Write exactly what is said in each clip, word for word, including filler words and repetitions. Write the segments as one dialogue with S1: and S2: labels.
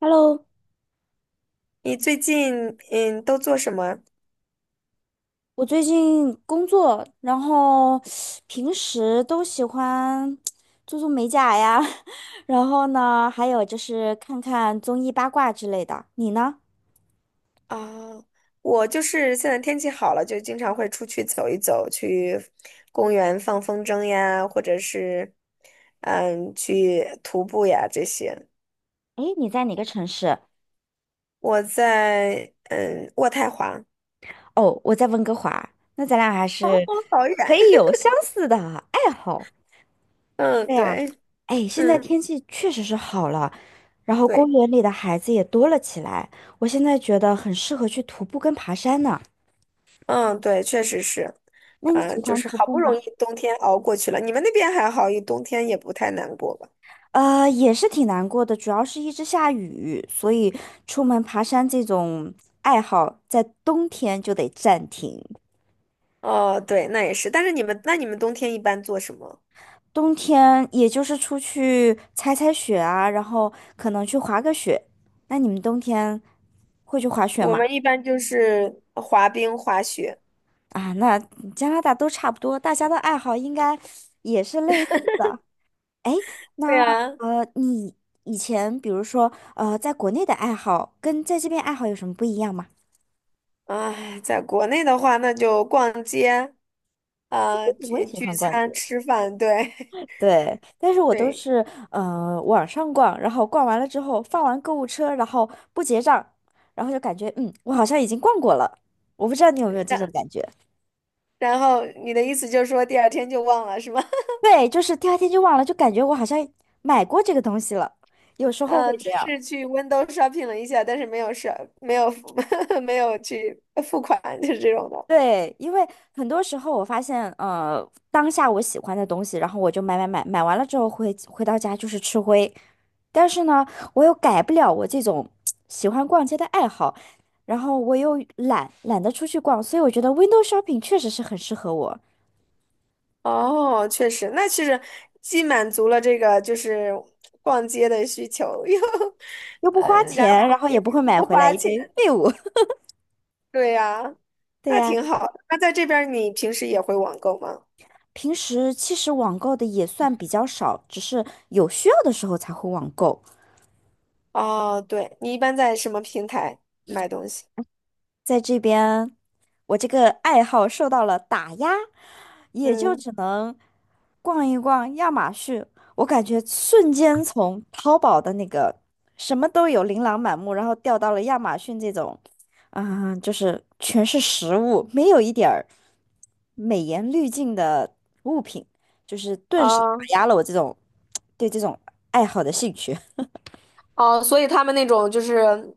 S1: Hello，
S2: 你最近嗯都做什么
S1: 我最近工作，然后平时都喜欢做做美甲呀，然后呢，还有就是看看综艺八卦之类的。你呢？
S2: 啊？我就是现在天气好了，就经常会出去走一走，去公园放风筝呀，或者是嗯去徒步呀这些。
S1: 诶，你在哪个城市？
S2: 我在嗯渥太华。
S1: 哦，我在温哥华。那咱俩还
S2: 哦，
S1: 是
S2: 好远。
S1: 可以有相似的爱好。
S2: 嗯
S1: 对呀，
S2: 对，
S1: 哎，现在嗯
S2: 嗯
S1: 天气确实是好了，然后公
S2: 对，
S1: 园里的孩子也多了起来。我现在觉得很适合去徒步跟爬山呢。
S2: 嗯对，确实是。
S1: 那你喜
S2: 嗯就
S1: 欢
S2: 是
S1: 徒
S2: 好
S1: 步
S2: 不容
S1: 吗？
S2: 易冬天熬过去了。你们那边还好，一冬天也不太难过吧？
S1: 呃，也是挺难过的，主要是一直下雨，所以出门爬山这种爱好在冬天就得暂停。
S2: 哦，对，那也是。但是你们，那你们冬天一般做什么？
S1: 冬天也就是出去踩踩雪啊，然后可能去滑个雪。那你们冬天会去滑雪
S2: 我
S1: 吗？
S2: 们一般就是滑冰、滑雪。
S1: 啊，那加拿大都差不多，大家的爱好应该也是类似的。
S2: 对
S1: 那
S2: 啊。
S1: 呃，你以前比如说呃，在国内的爱好跟在这边爱好有什么不一样吗？
S2: 哎，在国内的话，那就逛街啊，
S1: 我也
S2: 聚
S1: 喜
S2: 聚
S1: 欢逛
S2: 餐、
S1: 街。
S2: 吃饭，对。
S1: 对，但是 我都
S2: 对。
S1: 是呃网上逛，然后逛完了之后放完购物车，然后不结账，然后就感觉嗯，我好像已经逛过了。我不知道你有没有这种
S2: 然
S1: 感觉？
S2: 然后你的意思就是说第二天就忘了是吗？
S1: 对，就是第二天就忘了，就感觉我好像买过这个东西了，有时 候
S2: 嗯，
S1: 会
S2: 只
S1: 这样。
S2: 是去 window shopping 了一下，但是没有是没有 没有去付款，就是这种的。
S1: 对，因为很多时候我发现，呃，当下我喜欢的东西，然后我就买买买，买完了之后回回到家就是吃灰。但是呢，我又改不了我这种喜欢逛街的爱好，然后我又懒，懒得出去逛，所以我觉得 window shopping 确实是很适合我，
S2: 哦，确实，那其实既满足了这个就是逛街的需求，又
S1: 又不
S2: 呃，
S1: 花
S2: 然
S1: 钱，
S2: 后
S1: 然后
S2: 又
S1: 也不会
S2: 又
S1: 买
S2: 不
S1: 回来
S2: 花
S1: 一
S2: 钱。
S1: 堆废物。
S2: 对呀。
S1: 对
S2: 那
S1: 呀，
S2: 挺好的。那在这边儿你平时也会网购吗？
S1: 平时其实网购的也算比较少，只是有需要的时候才会网购。
S2: 哦，对，你一般在什么平台买东西？
S1: 在这边，我这个爱好受到了打压，也就
S2: 嗯。
S1: 只能逛一逛亚马逊。我感觉瞬间从淘宝的那个什么都有、琳琅满目，然后掉到了亚马逊这种，啊、就是全是食物，没有一点儿美颜滤镜的物品，就是顿时打
S2: 哦
S1: 压了我这种对这种爱好的兴趣。
S2: 哦，所以他们那种就是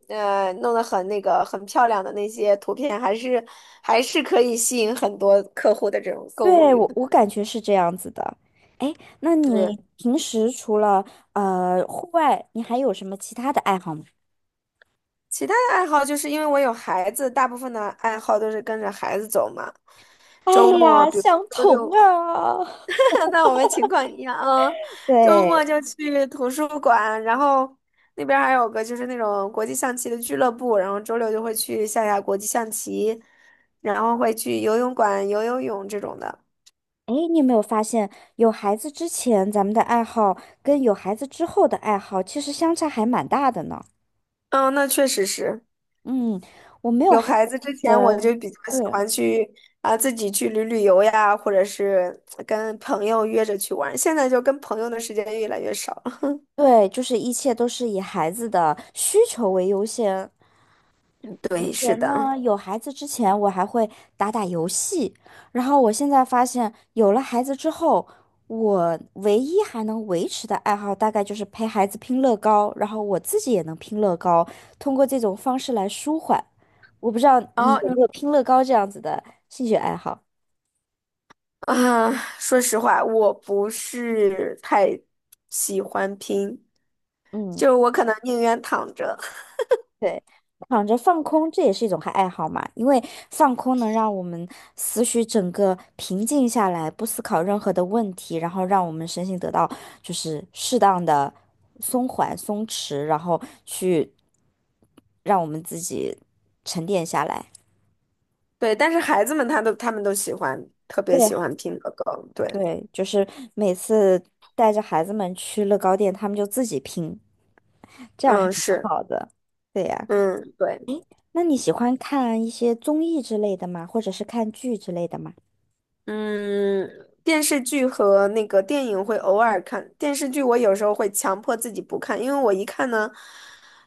S2: 呃，弄得很那个很漂亮的那些图片，还是还是可以吸引很多客户的这种购物
S1: 对，
S2: 欲。
S1: 我我感觉是这样子的。哎，那
S2: 对，
S1: 你平时除了呃户外，你还有什么其他的爱好吗？
S2: 其他的爱好就是因为我有孩子，大部分的爱好都是跟着孩子走嘛。
S1: 哎
S2: 周末，
S1: 呀，
S2: 比如
S1: 相
S2: 周
S1: 同
S2: 六。
S1: 啊！
S2: 那我们情况一样，啊，周
S1: 对，
S2: 末就去图书馆，然后那边儿还有个就是那种国际象棋的俱乐部，然后周六就会去下下国际象棋，然后会去游泳馆游游泳这种的。
S1: 哎，你有没有发现，有孩子之前咱们的爱好跟有孩子之后的爱好其实相差还蛮大的呢？
S2: 嗯，那确实是。
S1: 嗯，我没有
S2: 有
S1: 孩
S2: 孩子
S1: 子
S2: 之前，我
S1: 前
S2: 就比较喜
S1: 对
S2: 欢去啊自己去旅旅游呀，或者是跟朋友约着去玩儿。现在就跟朋友的时间越来越少了。
S1: 对，就是一切都是以孩子的需求为优先。以
S2: 对，是
S1: 前
S2: 的。
S1: 呢，有孩子之前，我还会打打游戏，然后我现在发现，有了孩子之后，我唯一还能维持的爱好，大概就是陪孩子拼乐高，然后我自己也能拼乐高，通过这种方式来舒缓。我不知道
S2: 然
S1: 你
S2: 后
S1: 有没有拼乐高这样子的兴趣爱好？
S2: 啊，说实话，我不是太喜欢拼，
S1: 嗯。
S2: 就我可能宁愿躺着。
S1: 对，躺着放空，这也是一种爱好嘛，因为放空能让我们思绪整个平静下来，不思考任何的问题，然后让我们身心得到就是适当的松缓、松弛，然后去让我们自己沉淀下来。
S2: 对，但是孩子们他都他们都喜欢，特别
S1: 对
S2: 喜欢拼乐高。对，
S1: 对，就是每次带着孩子们去乐高店，他们就自己拼，这样还
S2: 嗯，
S1: 蛮
S2: 是，
S1: 好的。对呀，
S2: 嗯，对。
S1: 那你喜欢看一些综艺之类的吗？或者是看剧之类的吗？
S2: 嗯，电视剧和那个电影会偶尔看，电视剧我有时候会强迫自己不看，因为我一看呢，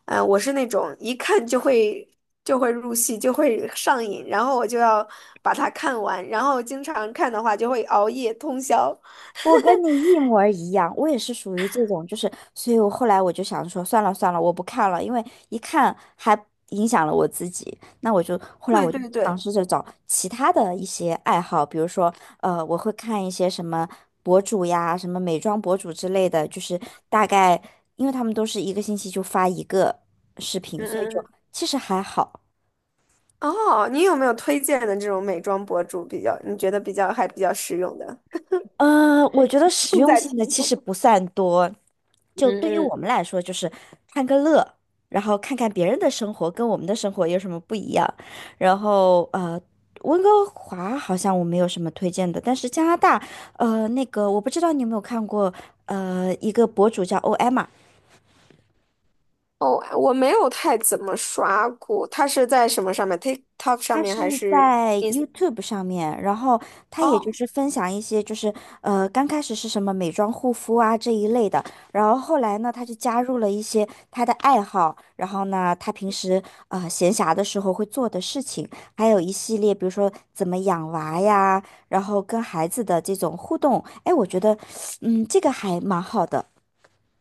S2: 呃，我是那种一看就会就会入戏，就会上瘾，然后我就要把它看完，然后经常看的话就会熬夜通宵。
S1: 我跟你一模儿一样，我也是属于这种，就是，所以我后来我就想说，算了算了，我不看了，因为一看还影响了我自己。那我就后来
S2: 对
S1: 我就
S2: 对
S1: 尝
S2: 对，
S1: 试着找其他的一些爱好，比如说，呃，我会看一些什么博主呀，什么美妆博主之类的，就是大概，因为他们都是一个星期就发一个视频，
S2: 嗯
S1: 所以
S2: 嗯
S1: 就
S2: 嗯。
S1: 其实还好。
S2: 哦，你有没有推荐的这种美妆博主比较，你觉得比较还比较实用的？
S1: 呃，我觉得实
S2: 重
S1: 用
S2: 在题
S1: 性的其实
S2: 目。
S1: 不算多，就
S2: 嗯
S1: 对于
S2: 嗯。
S1: 我们来说，就是看个乐，然后看看别人的生活跟我们的生活有什么不一样。然后呃，温哥华好像我没有什么推荐的，但是加拿大，呃，那个我不知道你有没有看过，呃，一个博主叫 O M。
S2: 哦，我没有太怎么刷过，它是在什么上面？TikTok 上
S1: 他
S2: 面还
S1: 是
S2: 是
S1: 在
S2: Ins？
S1: YouTube 上面，然后他也
S2: 哦，
S1: 就是分享一些，就是呃，刚开始是什么美妆护肤啊这一类的，然后后来呢，他就加入了一些他的爱好，然后呢，他平时呃闲暇的时候会做的事情，还有一系列，比如说怎么养娃呀，然后跟孩子的这种互动，哎，我觉得，嗯，这个还蛮好的，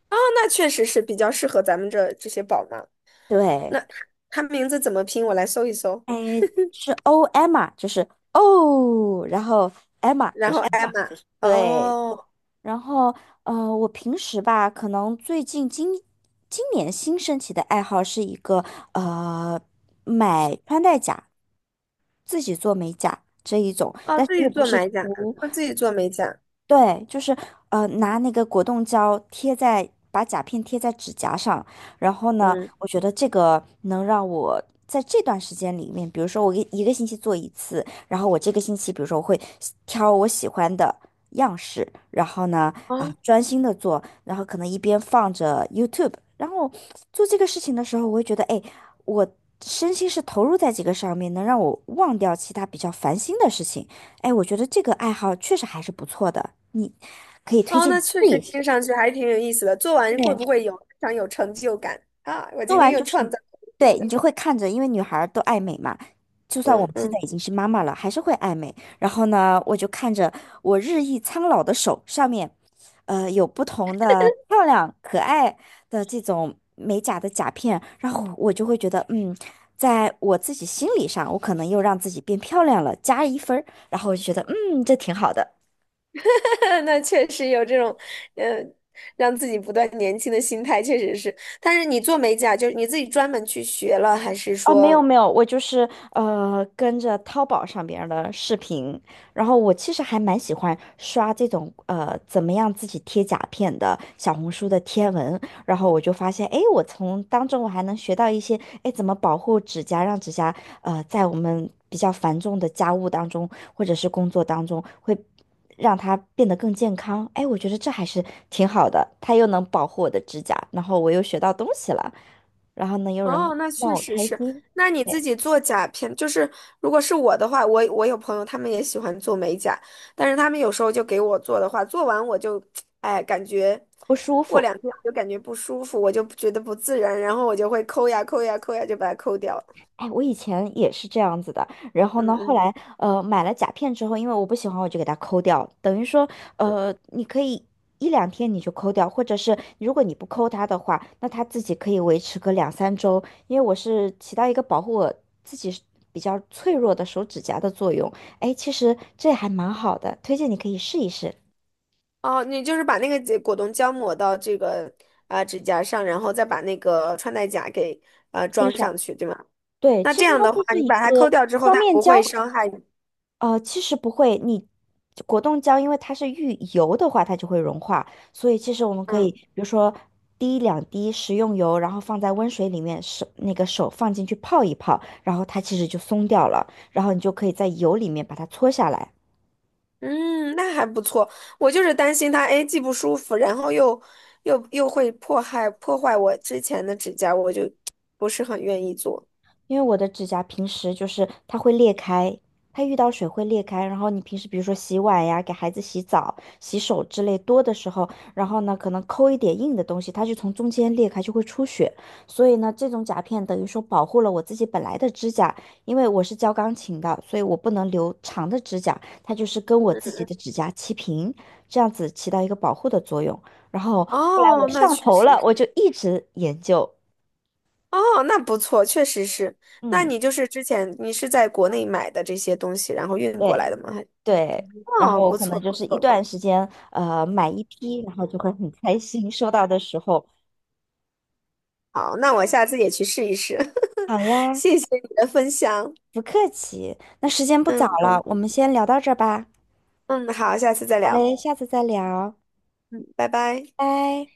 S2: 哦，那确实是比较适合咱们这这些宝妈。
S1: 对，
S2: 它名字怎么拼？我来搜一搜。
S1: 哎，是 O Emma，就是哦，然后 Emma 就
S2: 然后
S1: 是
S2: 艾玛，
S1: 对。
S2: 哦
S1: 然后，呃，我平时吧，可能最近今今年新升起的爱好是一个呃，买穿戴甲，自己做美甲这一种，
S2: 哦，
S1: 但是
S2: 自
S1: 又
S2: 己
S1: 不
S2: 做
S1: 是
S2: 美甲，
S1: 涂。
S2: 他自己做美甲。
S1: 对，就是呃，拿那个果冻胶贴在，把甲片贴在指甲上，然后呢，
S2: 嗯，
S1: 我觉得这个能让我在这段时间里面，比如说我一一个星期做一次，然后我这个星期，比如说我会挑我喜欢的样式，然后呢，
S2: 哦
S1: 啊、专心的做，然后可能一边放着 YouTube，然后做这个事情的时候，我会觉得，哎，我身心是投入在这个上面，能让我忘掉其他比较烦心的事情。哎，我觉得这个爱好确实还是不错的，你可以推
S2: 哦，
S1: 荐
S2: 那
S1: 你
S2: 确
S1: 试
S2: 实
S1: 一
S2: 听
S1: 试。
S2: 上去还挺有意思的。做完会不
S1: 对，
S2: 会有非常有成就感啊？我
S1: 做
S2: 今天
S1: 完
S2: 又
S1: 就是
S2: 创
S1: 你，
S2: 造了一个新
S1: 对，你
S2: 的，
S1: 就会看着，因为女孩儿都爱美嘛，就算我
S2: 嗯
S1: 们现
S2: 嗯。
S1: 在已经是妈妈了，还是会爱美。然后呢，我就看着我日益苍老的手上面，呃，有不同的漂亮可爱的这种美甲的甲片，然后我就会觉得，嗯，在我自己心理上，我可能又让自己变漂亮了，加一分儿，然后我就觉得，嗯，这挺好的。
S2: 那确实有这种，呃，让自己不断年轻的心态，确实是。但是你做美甲，就是你自己专门去学了，还是
S1: 哦，没
S2: 说？
S1: 有没有，我就是呃跟着淘宝上边儿的视频，然后我其实还蛮喜欢刷这种呃怎么样自己贴甲片的小红书的贴文，然后我就发现，哎，我从当中我还能学到一些，哎，怎么保护指甲，让指甲呃在我们比较繁重的家务当中或者是工作当中会让它变得更健康，哎，我觉得这还是挺好的，它又能保护我的指甲，然后我又学到东西了。然后呢，又能
S2: 哦，那
S1: 让
S2: 确
S1: 我
S2: 实
S1: 开
S2: 是。
S1: 心，
S2: 那你自
S1: 对，
S2: 己做甲片，就是如果是我的话，我我有朋友他们也喜欢做美甲，但是他们有时候就给我做的话，做完我就，哎，感觉
S1: 不舒
S2: 过两
S1: 服。
S2: 天我就感觉不舒服，我就觉得不自然，然后我就会抠呀抠呀抠呀，就把它抠掉了。
S1: 哎，我以前也是这样子的，然后
S2: 嗯
S1: 呢，后
S2: 嗯。
S1: 来呃买了甲片之后，因为我不喜欢，我就给它抠掉，等于说呃你可以一两天你就抠掉，或者是如果你不抠它的话，那它自己可以维持个两三周，因为我是起到一个保护我自己是比较脆弱的手指甲的作用。哎，其实这还蛮好的，推荐你可以试一试。
S2: 哦，你就是把那个结果冻胶抹到这个啊、指甲上，然后再把那个穿戴甲给啊
S1: 贴
S2: 装
S1: 上，
S2: 上去，对吗？
S1: 对，
S2: 那
S1: 其
S2: 这
S1: 实
S2: 样
S1: 它
S2: 的话，
S1: 就是
S2: 你
S1: 一
S2: 把
S1: 个
S2: 它抠掉之后，
S1: 双
S2: 它
S1: 面
S2: 不会
S1: 胶。
S2: 伤害你。
S1: 呃，其实不会，你果冻胶因为它是遇油的话，它就会融化，所以其实我们可以，
S2: 嗯
S1: 比如说滴两滴食用油，然后放在温水里面，手那个手放进去泡一泡，然后它其实就松掉了，然后你就可以在油里面把它搓下来。
S2: 嗯，那还不错。我就是担心它，哎，既不舒服，然后又又又会破害破坏我之前的指甲，我就不是很愿意做。
S1: 因为我的指甲平时就是它会裂开，它遇到水会裂开。然后你平时比如说洗碗呀、给孩子洗澡、洗手之类多的时候，然后呢可能抠一点硬的东西，它就从中间裂开，就会出血。所以呢，这种甲片等于说保护了我自己本来的指甲，因为我是教钢琴的，所以我不能留长的指甲，它就是跟我自己
S2: 嗯，
S1: 的指甲齐平，这样子起到一个保护的作用。然后后来我
S2: 哦，那
S1: 上
S2: 确
S1: 头
S2: 实
S1: 了，我就
S2: 是。
S1: 一直研究，
S2: 哦，那不错，确实是。那
S1: 嗯，
S2: 你就是之前你是在国内买的这些东西，然后运过来
S1: 对。
S2: 的吗？
S1: 对，然
S2: 哦，
S1: 后我
S2: 不
S1: 可
S2: 错
S1: 能就
S2: 不
S1: 是一
S2: 错，
S1: 段时间，呃，买一批，然后就会很开心。收到的时候，
S2: 好，那我下次也去试一试。
S1: 好呀，
S2: 谢谢你的分享，
S1: 不客气。那时间不早
S2: 嗯
S1: 了，我们先聊到这儿吧。
S2: 嗯，好，下次再
S1: 好
S2: 聊，
S1: 嘞，下次再聊，
S2: 嗯，拜拜。
S1: 拜。